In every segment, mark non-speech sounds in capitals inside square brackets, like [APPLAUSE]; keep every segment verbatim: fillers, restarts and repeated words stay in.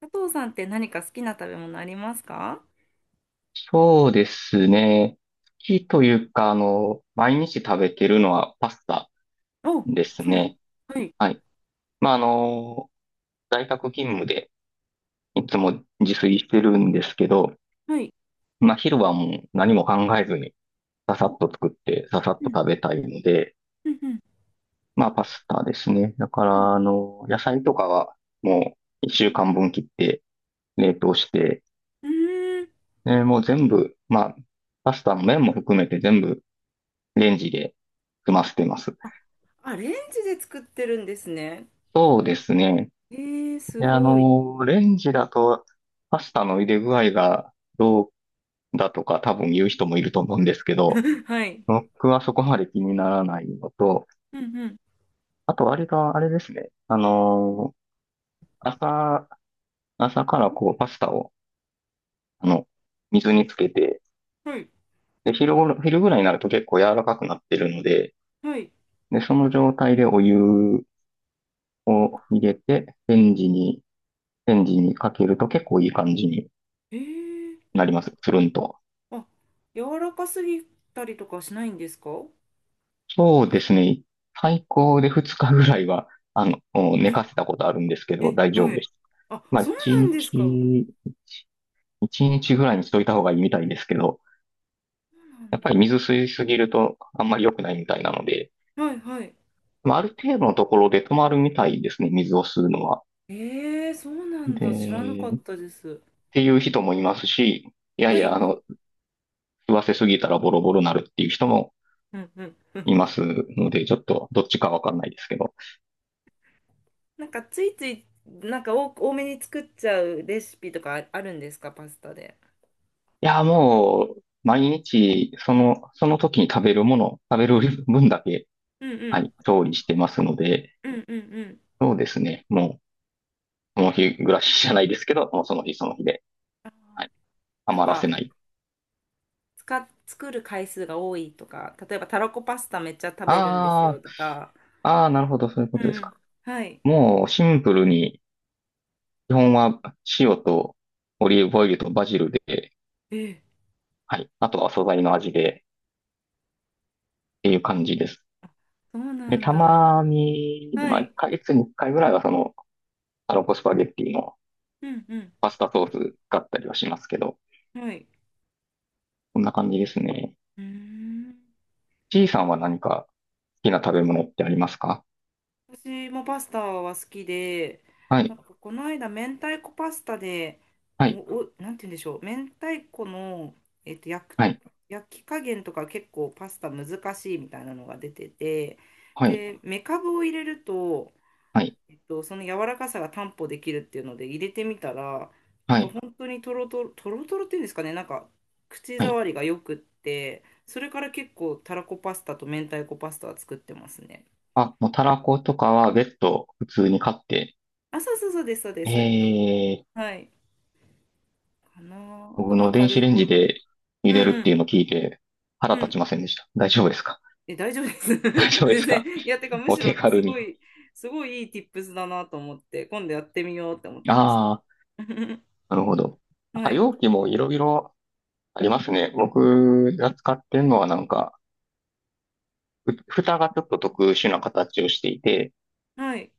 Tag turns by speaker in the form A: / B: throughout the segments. A: 佐藤さんって何か好きな食べ物ありますか。
B: そうですね。好きというか、あの、毎日食べてるのはパスタ
A: お、
B: です
A: そうなん、
B: ね。
A: はい、
B: はい。まあ、あの、在宅勤務でいつも自炊してるんですけど、
A: はい。
B: まあ、昼はもう何も考えずに、ささっと作って、ささっと食べたいので、
A: うん、
B: まあ、パスタですね。だか
A: うん。
B: ら、あの、野菜とかはもう一週間分切って冷凍して、
A: うーん、
B: で、もう全部、まあ、パスタの麺も含めて全部レンジで済ませてます。
A: アレンジで作ってるんですね。
B: そうですね。
A: えー、す
B: で、あ
A: ごい。
B: の、レンジだと、パスタの茹で具合がどうだとか多分言う人もいると思うんですけど、
A: [LAUGHS] はい。
B: 僕はそこまで気にならないのと、
A: うんうん。
B: あとあれが、あれですね。あの、朝、朝からこうパスタを、あの、水につけて、
A: はい、
B: で、昼ごろ、昼ぐらいになると結構柔らかくなってるので、
A: はい。
B: で、その状態でお湯を入れて、レンジに、レンジにかけると結構いい感じに
A: えー、
B: なります。つるんと。
A: あ、柔らかすぎたりとかしないんですか。
B: そうですね。最高でふつかぐらいは、あの、うん寝
A: え、
B: かせたことあるんですけど、
A: え、
B: 大丈
A: は
B: 夫
A: い。
B: です。
A: あ、
B: まあ、1
A: そうなんです
B: 日、
A: か。そ
B: いちにちぐらいにしといた方がいいみたいですけど、
A: うなん
B: やっ
A: だ。
B: ぱり水吸いすぎるとあんまり良くないみたいなので、
A: はい、はい。
B: まあ、ある程度のところで止まるみたいですね、水を吸うのは。
A: えー、そうなんだ。知らな
B: で、
A: かっ
B: っ
A: たです。
B: ていう人もいますし、いやい
A: はい。
B: や、あの、吸わせすぎたらボロボロなるっていう人も
A: うん、うん。
B: い
A: [LAUGHS]
B: ますので、ちょっとどっちかわかんないですけど。
A: なんかついついなんか多多めに作っちゃうレシピとかああるんですか、パスタで。
B: いや、もう、毎日、その、その時に食べるもの、食べ
A: うん
B: る分だけ、
A: うんう
B: はい、
A: ん
B: 調理してますので、
A: うんうんうん。
B: そうですね。もう、その日暮らしじゃないですけど、もうその日その日で、
A: あー、
B: はい、
A: なん
B: 余らせ
A: か
B: ない。
A: 使作る回数が多いとか、例えばたらこパスタめっちゃ食べるんですよ
B: あ
A: とか。
B: あ、ああ、なるほど、そういうこ
A: うん
B: と
A: う
B: です
A: ん。
B: か。
A: はい。
B: もう、シンプルに、基本は塩とオリーブオイルとバジルで、
A: ええ、
B: はい、あとは素材の味で、っていう感じです。
A: そうな
B: で、
A: ん
B: た
A: だ。
B: まに、
A: は
B: まあ、1
A: い。
B: ヶ月にいっかいぐらいは、その、タロコスパゲッティの、
A: うんう
B: パスタソース使ったりはしますけど、
A: ん。はい。
B: こんな感じですね。
A: うーん。
B: C さんは何か好きな食べ物ってありますか？
A: 私もパスタは好きで、
B: は
A: な
B: い、
A: んかこの間、明太子パスタで、
B: は
A: お、
B: い、
A: お、なんて言うんでしょう、明太子の、えっと、焼く、
B: はい、
A: 焼き加減とか結構パスタ難しいみたいなのが出てて、
B: はい、
A: で、めかぶを入れると、
B: はい、
A: えっと、その柔らかさが担保できるっていうので入れてみたら、な
B: は
A: んか
B: い、
A: 本当にとろとろ、とろとろっていうんですかね、なんか口
B: はい。
A: 触りがよくって、それから結構たらこパスタと明太子パスタは作ってますね。
B: あ、もうたらことかは別途普通に買って、
A: あ、そうそうそうです、そうで
B: え
A: す。
B: ー、
A: はい。かなあ。あと、
B: 僕
A: まあ、
B: の
A: カ
B: 電子
A: ル
B: レン
A: ボ
B: ジ
A: ナーラ。
B: で茹
A: うん
B: でるっ
A: う
B: て
A: ん。
B: いうのを聞いて腹
A: う
B: 立
A: ん。
B: ちませんでした。大丈夫ですか？
A: え、大丈夫です。
B: [LAUGHS] 大
A: [LAUGHS]
B: 丈夫で
A: 全
B: すか？
A: 然。いや、てか、む
B: お
A: し
B: 手
A: ろ、
B: 軽
A: すご
B: に。
A: い、すごいいい ティップス だなと思って、今度やってみようって思ってました。
B: ああ、
A: [LAUGHS]
B: なるほど。なん
A: は
B: か
A: い。
B: 容器もいろいろありますね。僕が使ってるのはなんか、ふ蓋がちょっと特殊な形をしていて、
A: はい。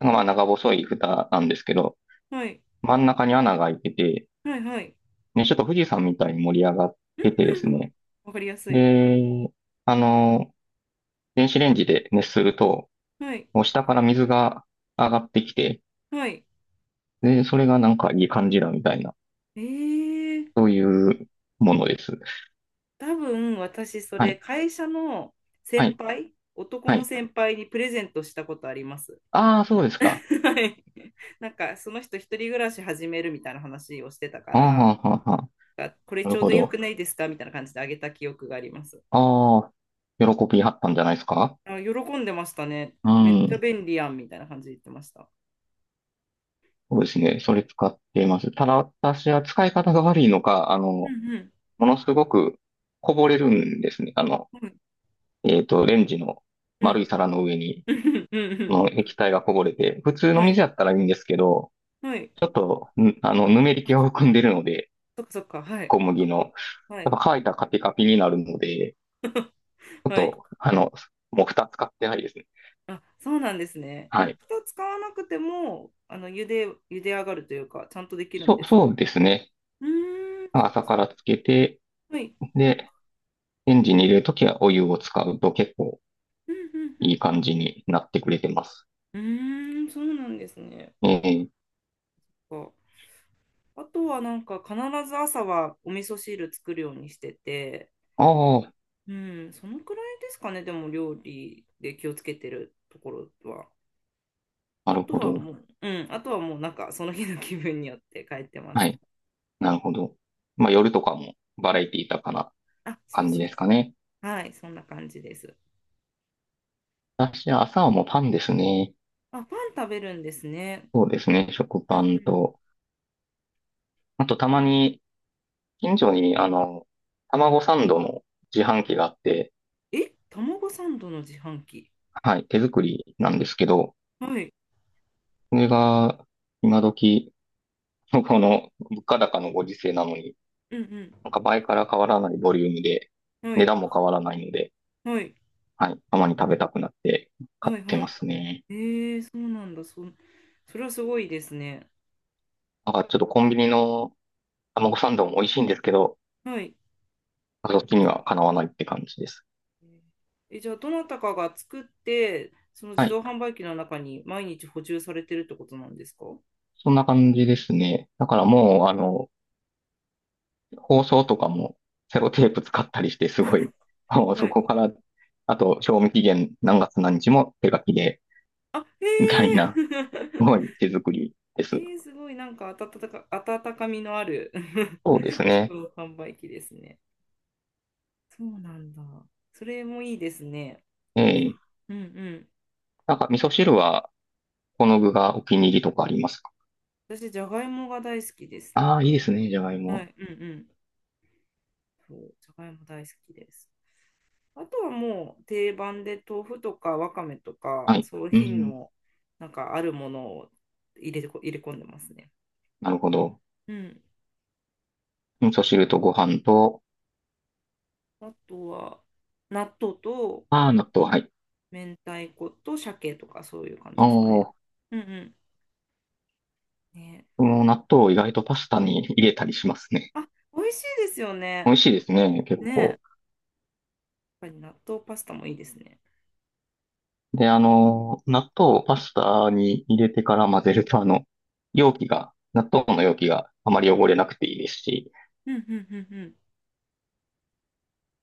B: まあ長細い蓋なんですけど、
A: はい。
B: 真ん中に穴が開いてて、
A: はい。はい。
B: ね、ちょっと富士山みたいに盛り上がっててです
A: うん、
B: ね。
A: わかりやすい。
B: で、あの、電子レンジで熱すると、
A: はい。
B: もう下から水が上がってきて、
A: はい。
B: で、それがなんかいい感じだみたいな、
A: えー、
B: そういうものです。
A: 多分、私、そ
B: は
A: れ、
B: い、
A: 会社の
B: は
A: 先
B: い、
A: 輩、男
B: は
A: の
B: い。
A: 先輩にプレゼントしたことあります。
B: ああ、そうですか。
A: [LAUGHS] はい。なんか、その人、一人暮らし始めるみたいな話をしてたか
B: ああ、
A: ら、
B: はんはんはん。
A: あ、これ
B: な
A: ち
B: る
A: ょう
B: ほ
A: どよ
B: ど。
A: くないですかみたいな感じであげた記憶があります。
B: ああ、喜びはったんじゃないですか？
A: あ、喜んでましたね。
B: う
A: めっちゃ
B: ん。
A: 便利やんみたいな感じで言ってました。
B: そうですね。それ使っています。ただ私は使い方が悪いのか、あ
A: うん
B: の、
A: うん。
B: ものすごくこぼれるんですね。あの、
A: うん
B: えっと、レンジの
A: う
B: 丸い
A: ん。
B: 皿の上に、
A: うんうんう
B: の液体がこぼれて、普通
A: ん。
B: の
A: はい。
B: 水やったらいいんですけど、
A: はい。
B: ちょっと、んあの、ぬめり
A: あ、
B: 気を
A: そっか。
B: 含んでるので、
A: そっかそっか。はい。
B: 小麦の。
A: は
B: やっ
A: い。
B: ぱ乾いたらカピカピになるので、ちょっ
A: はい。
B: と、あの、もう蓋使ってないですね。
A: あ、そうなんですね。あ、
B: はい。
A: 蓋使わなくても、あの、茹で、茹で上がるというか、ちゃんとできる
B: そ
A: ん
B: う、
A: です
B: そ
A: か。
B: うですね。
A: うーん、そっか
B: 朝
A: そ
B: か
A: っか。
B: らつけて、
A: はい。
B: で、レンジに入れるときはお湯を使うと結構
A: うんうんう
B: いい
A: ん。
B: 感じになってくれてます。
A: うんうーん、そうなんですね。
B: ええ。
A: あとはなんか必ず朝はお味噌汁作るようにしてて、
B: ああ、
A: うん、そのくらいですかね、でも料理で気をつけてるところは。
B: な
A: あ
B: る
A: と
B: ほ
A: は
B: ど。
A: もう、うん、あとはもうなんかその日の気分によって変えてま
B: は
A: す。
B: い。なるほど。まあ、夜とかもバラエティ豊かな
A: あ、そう
B: 感じ
A: そ
B: で
A: う
B: す
A: そ
B: かね。
A: う。はい、そんな感じです。
B: 私は朝はもうパンですね。
A: あ、パン食べるんですね。
B: そうですね。食
A: う
B: パ
A: んう
B: ン
A: ん。
B: と。あと、たまに、近所に、あの、卵サンドの自販機があって、
A: え、卵サンドの自販機。
B: はい、手作りなんですけど、
A: はい、
B: それが、今時、この物価高のご時世なのに、
A: うん
B: なんか倍から変わらないボリュームで、
A: うん。は
B: 値
A: い、
B: 段も変わらないので、
A: はい、
B: はい。たまに食べたくなって買
A: は
B: っ
A: い、
B: て
A: は
B: ま
A: い。
B: すね。
A: えー、そうなんだ。そ、それはすごいですね。
B: なんかちょっとコンビニの卵サンドも美味しいんですけど、
A: はい。
B: そっちにはかなわないって感じです。
A: え、じゃあ、どなたかが作って、その
B: は
A: 自
B: い。
A: 動販売機の中に毎日補充されてるってことなんですか。は
B: そんな感じですね。だからもう、あの、包装とかもセロテープ使ったりして、すごい、[LAUGHS] あのそこか
A: い。
B: ら、あと、賞味期限何月何日も手書きで、
A: あ、へ
B: みたい
A: え。
B: な、すごい
A: [LAUGHS]
B: 手作りで
A: え
B: す。
A: ー、すごい、なんか温か、温かみのある [LAUGHS]
B: そうです
A: 自
B: ね。
A: 動販売機ですね。そうなんだ。それもいいですね。
B: ええ。
A: うんうん。
B: なんか味噌汁は、この具がお気に入りとかありますか？
A: 私、じゃがいもが大好きです
B: あ
A: っ
B: あー、いいで
A: て。
B: すね、じゃがい
A: は
B: も。
A: い、うんうん。そう、じゃがいも大好きです。あとはもう定番で豆腐とかわかめと
B: は
A: か、
B: い。
A: そういう
B: う
A: 品
B: ん。
A: のなんかあるものを入れてこ、入れ込んでますね。
B: なるほど。
A: うん。
B: 味噌汁とご飯と、
A: あとは納豆と
B: ああ、納豆、はい。
A: 明太子と鮭とかそういう感
B: あ
A: じ
B: あ、
A: ですかね。
B: こ
A: うんうん。ね。
B: の納豆を意外とパスタに入れたりしますね。
A: あ、美味しいですよ
B: 美
A: ね。
B: 味しいですね、結
A: ね。や
B: 構。
A: っぱり納豆パスタもいいですね。
B: で、あの、納豆をパスタに入れてから混ぜると、あの、容器が、納豆の容器があまり汚れなくていいですし、
A: うんうんうんうん。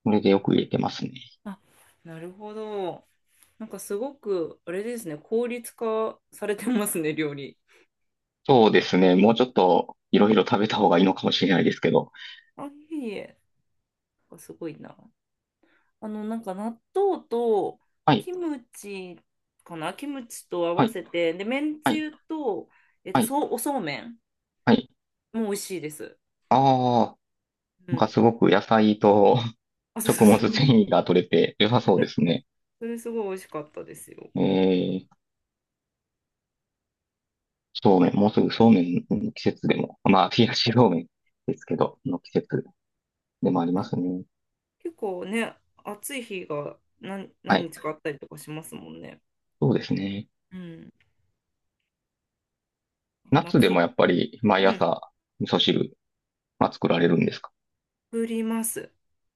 B: これでよく入れてますね。
A: あ、なるほど。なんかすごく、あれですね、効率化されてますね、料理。
B: そうですね、もうちょっといろいろ食べた方がいいのかもしれないですけど。
A: あ、いえいえ。なんかすごいな。あの、なんか納豆と
B: はい、
A: キムチかな、キムチと合
B: は
A: わ
B: い、
A: せて、で、めん
B: は
A: つ
B: い、
A: ゆと、えっ
B: は
A: と、
B: い、
A: そう、おそうめん
B: はい。
A: も美味しいです。
B: ああ、
A: う
B: なんか
A: ん。
B: すごく野菜と
A: あ、
B: [LAUGHS]
A: そうそう
B: 食
A: そ
B: 物
A: う。
B: 繊維が取れて良さそうで
A: [LAUGHS]
B: すね。
A: それすごい美味しかったですよ。
B: えー、そうめん、もうすぐそうめんの季節でも、まあ、冷やしそうめんですけど、の季節でもありますね。
A: 結構ね、暑い日が何、
B: は
A: 何
B: い。
A: 日かあったりとかしますもんね。
B: そうですね。
A: うん。なんか
B: 夏でも
A: 夏、
B: やっぱり毎
A: うん、
B: 朝味噌汁は作られるんですか？
A: 作ります。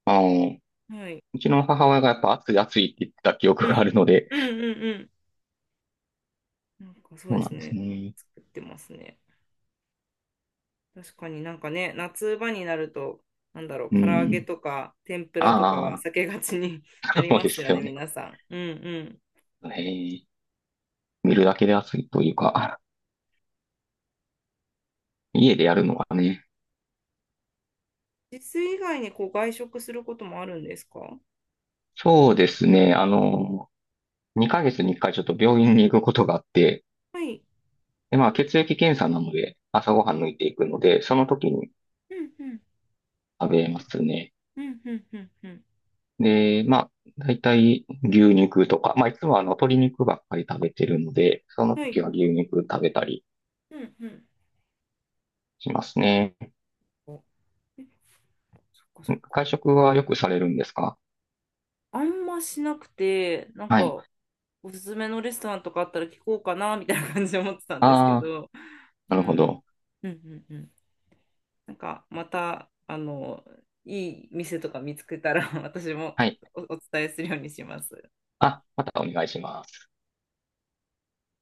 B: あの、
A: はい。
B: うちの母親がやっぱ暑い暑いって言ってた記憶
A: う
B: が
A: ん。
B: あるので、
A: うんうんうん。なんかそう
B: そう
A: で
B: な
A: す
B: んです
A: ね。
B: ね。
A: 作ってますね。確かになんかね、夏場になると、なんだろう、
B: う
A: 唐揚げ
B: ん。
A: とか天ぷらとかは
B: あ
A: 避けがちに [LAUGHS]
B: あ、
A: な
B: [LAUGHS]
A: り
B: そう
A: ま
B: で
A: す
B: す
A: よね、
B: よね。
A: 皆さん。うんうん。
B: へえ、見るだけで暑いというか、家でやるのはね。
A: 自炊以外にこう外食することもあるんですか。
B: そうですね。あの、にかげつにいっかいちょっと病院に行くことがあって、
A: はい。
B: で、まあ、血液検査なので、朝ごはん抜いていくので、その時に
A: うんうん。
B: 食べますね。
A: うんうんうんうん。
B: で、まあ、大体牛肉とか、まあ、いつもあの、鶏肉ばっかり食べてるので、その
A: は
B: 時
A: い。
B: は牛肉食べたり
A: うんうん。
B: しますね。
A: お、え、そっかそっか。
B: 会食はよくされるんですか？
A: あんましなくて、なん
B: はい。
A: か、おすすめのレストランとかあったら聞こうかな、みたいな感じで思ってたんですけ
B: ああ、
A: ど。
B: な
A: う
B: るほ
A: ん。
B: ど。
A: うんうんうん。なんかまた、あの、いい店とか見つけたら [LAUGHS] 私も
B: はい。
A: お、お伝えするようにします。
B: あ、またお願いします。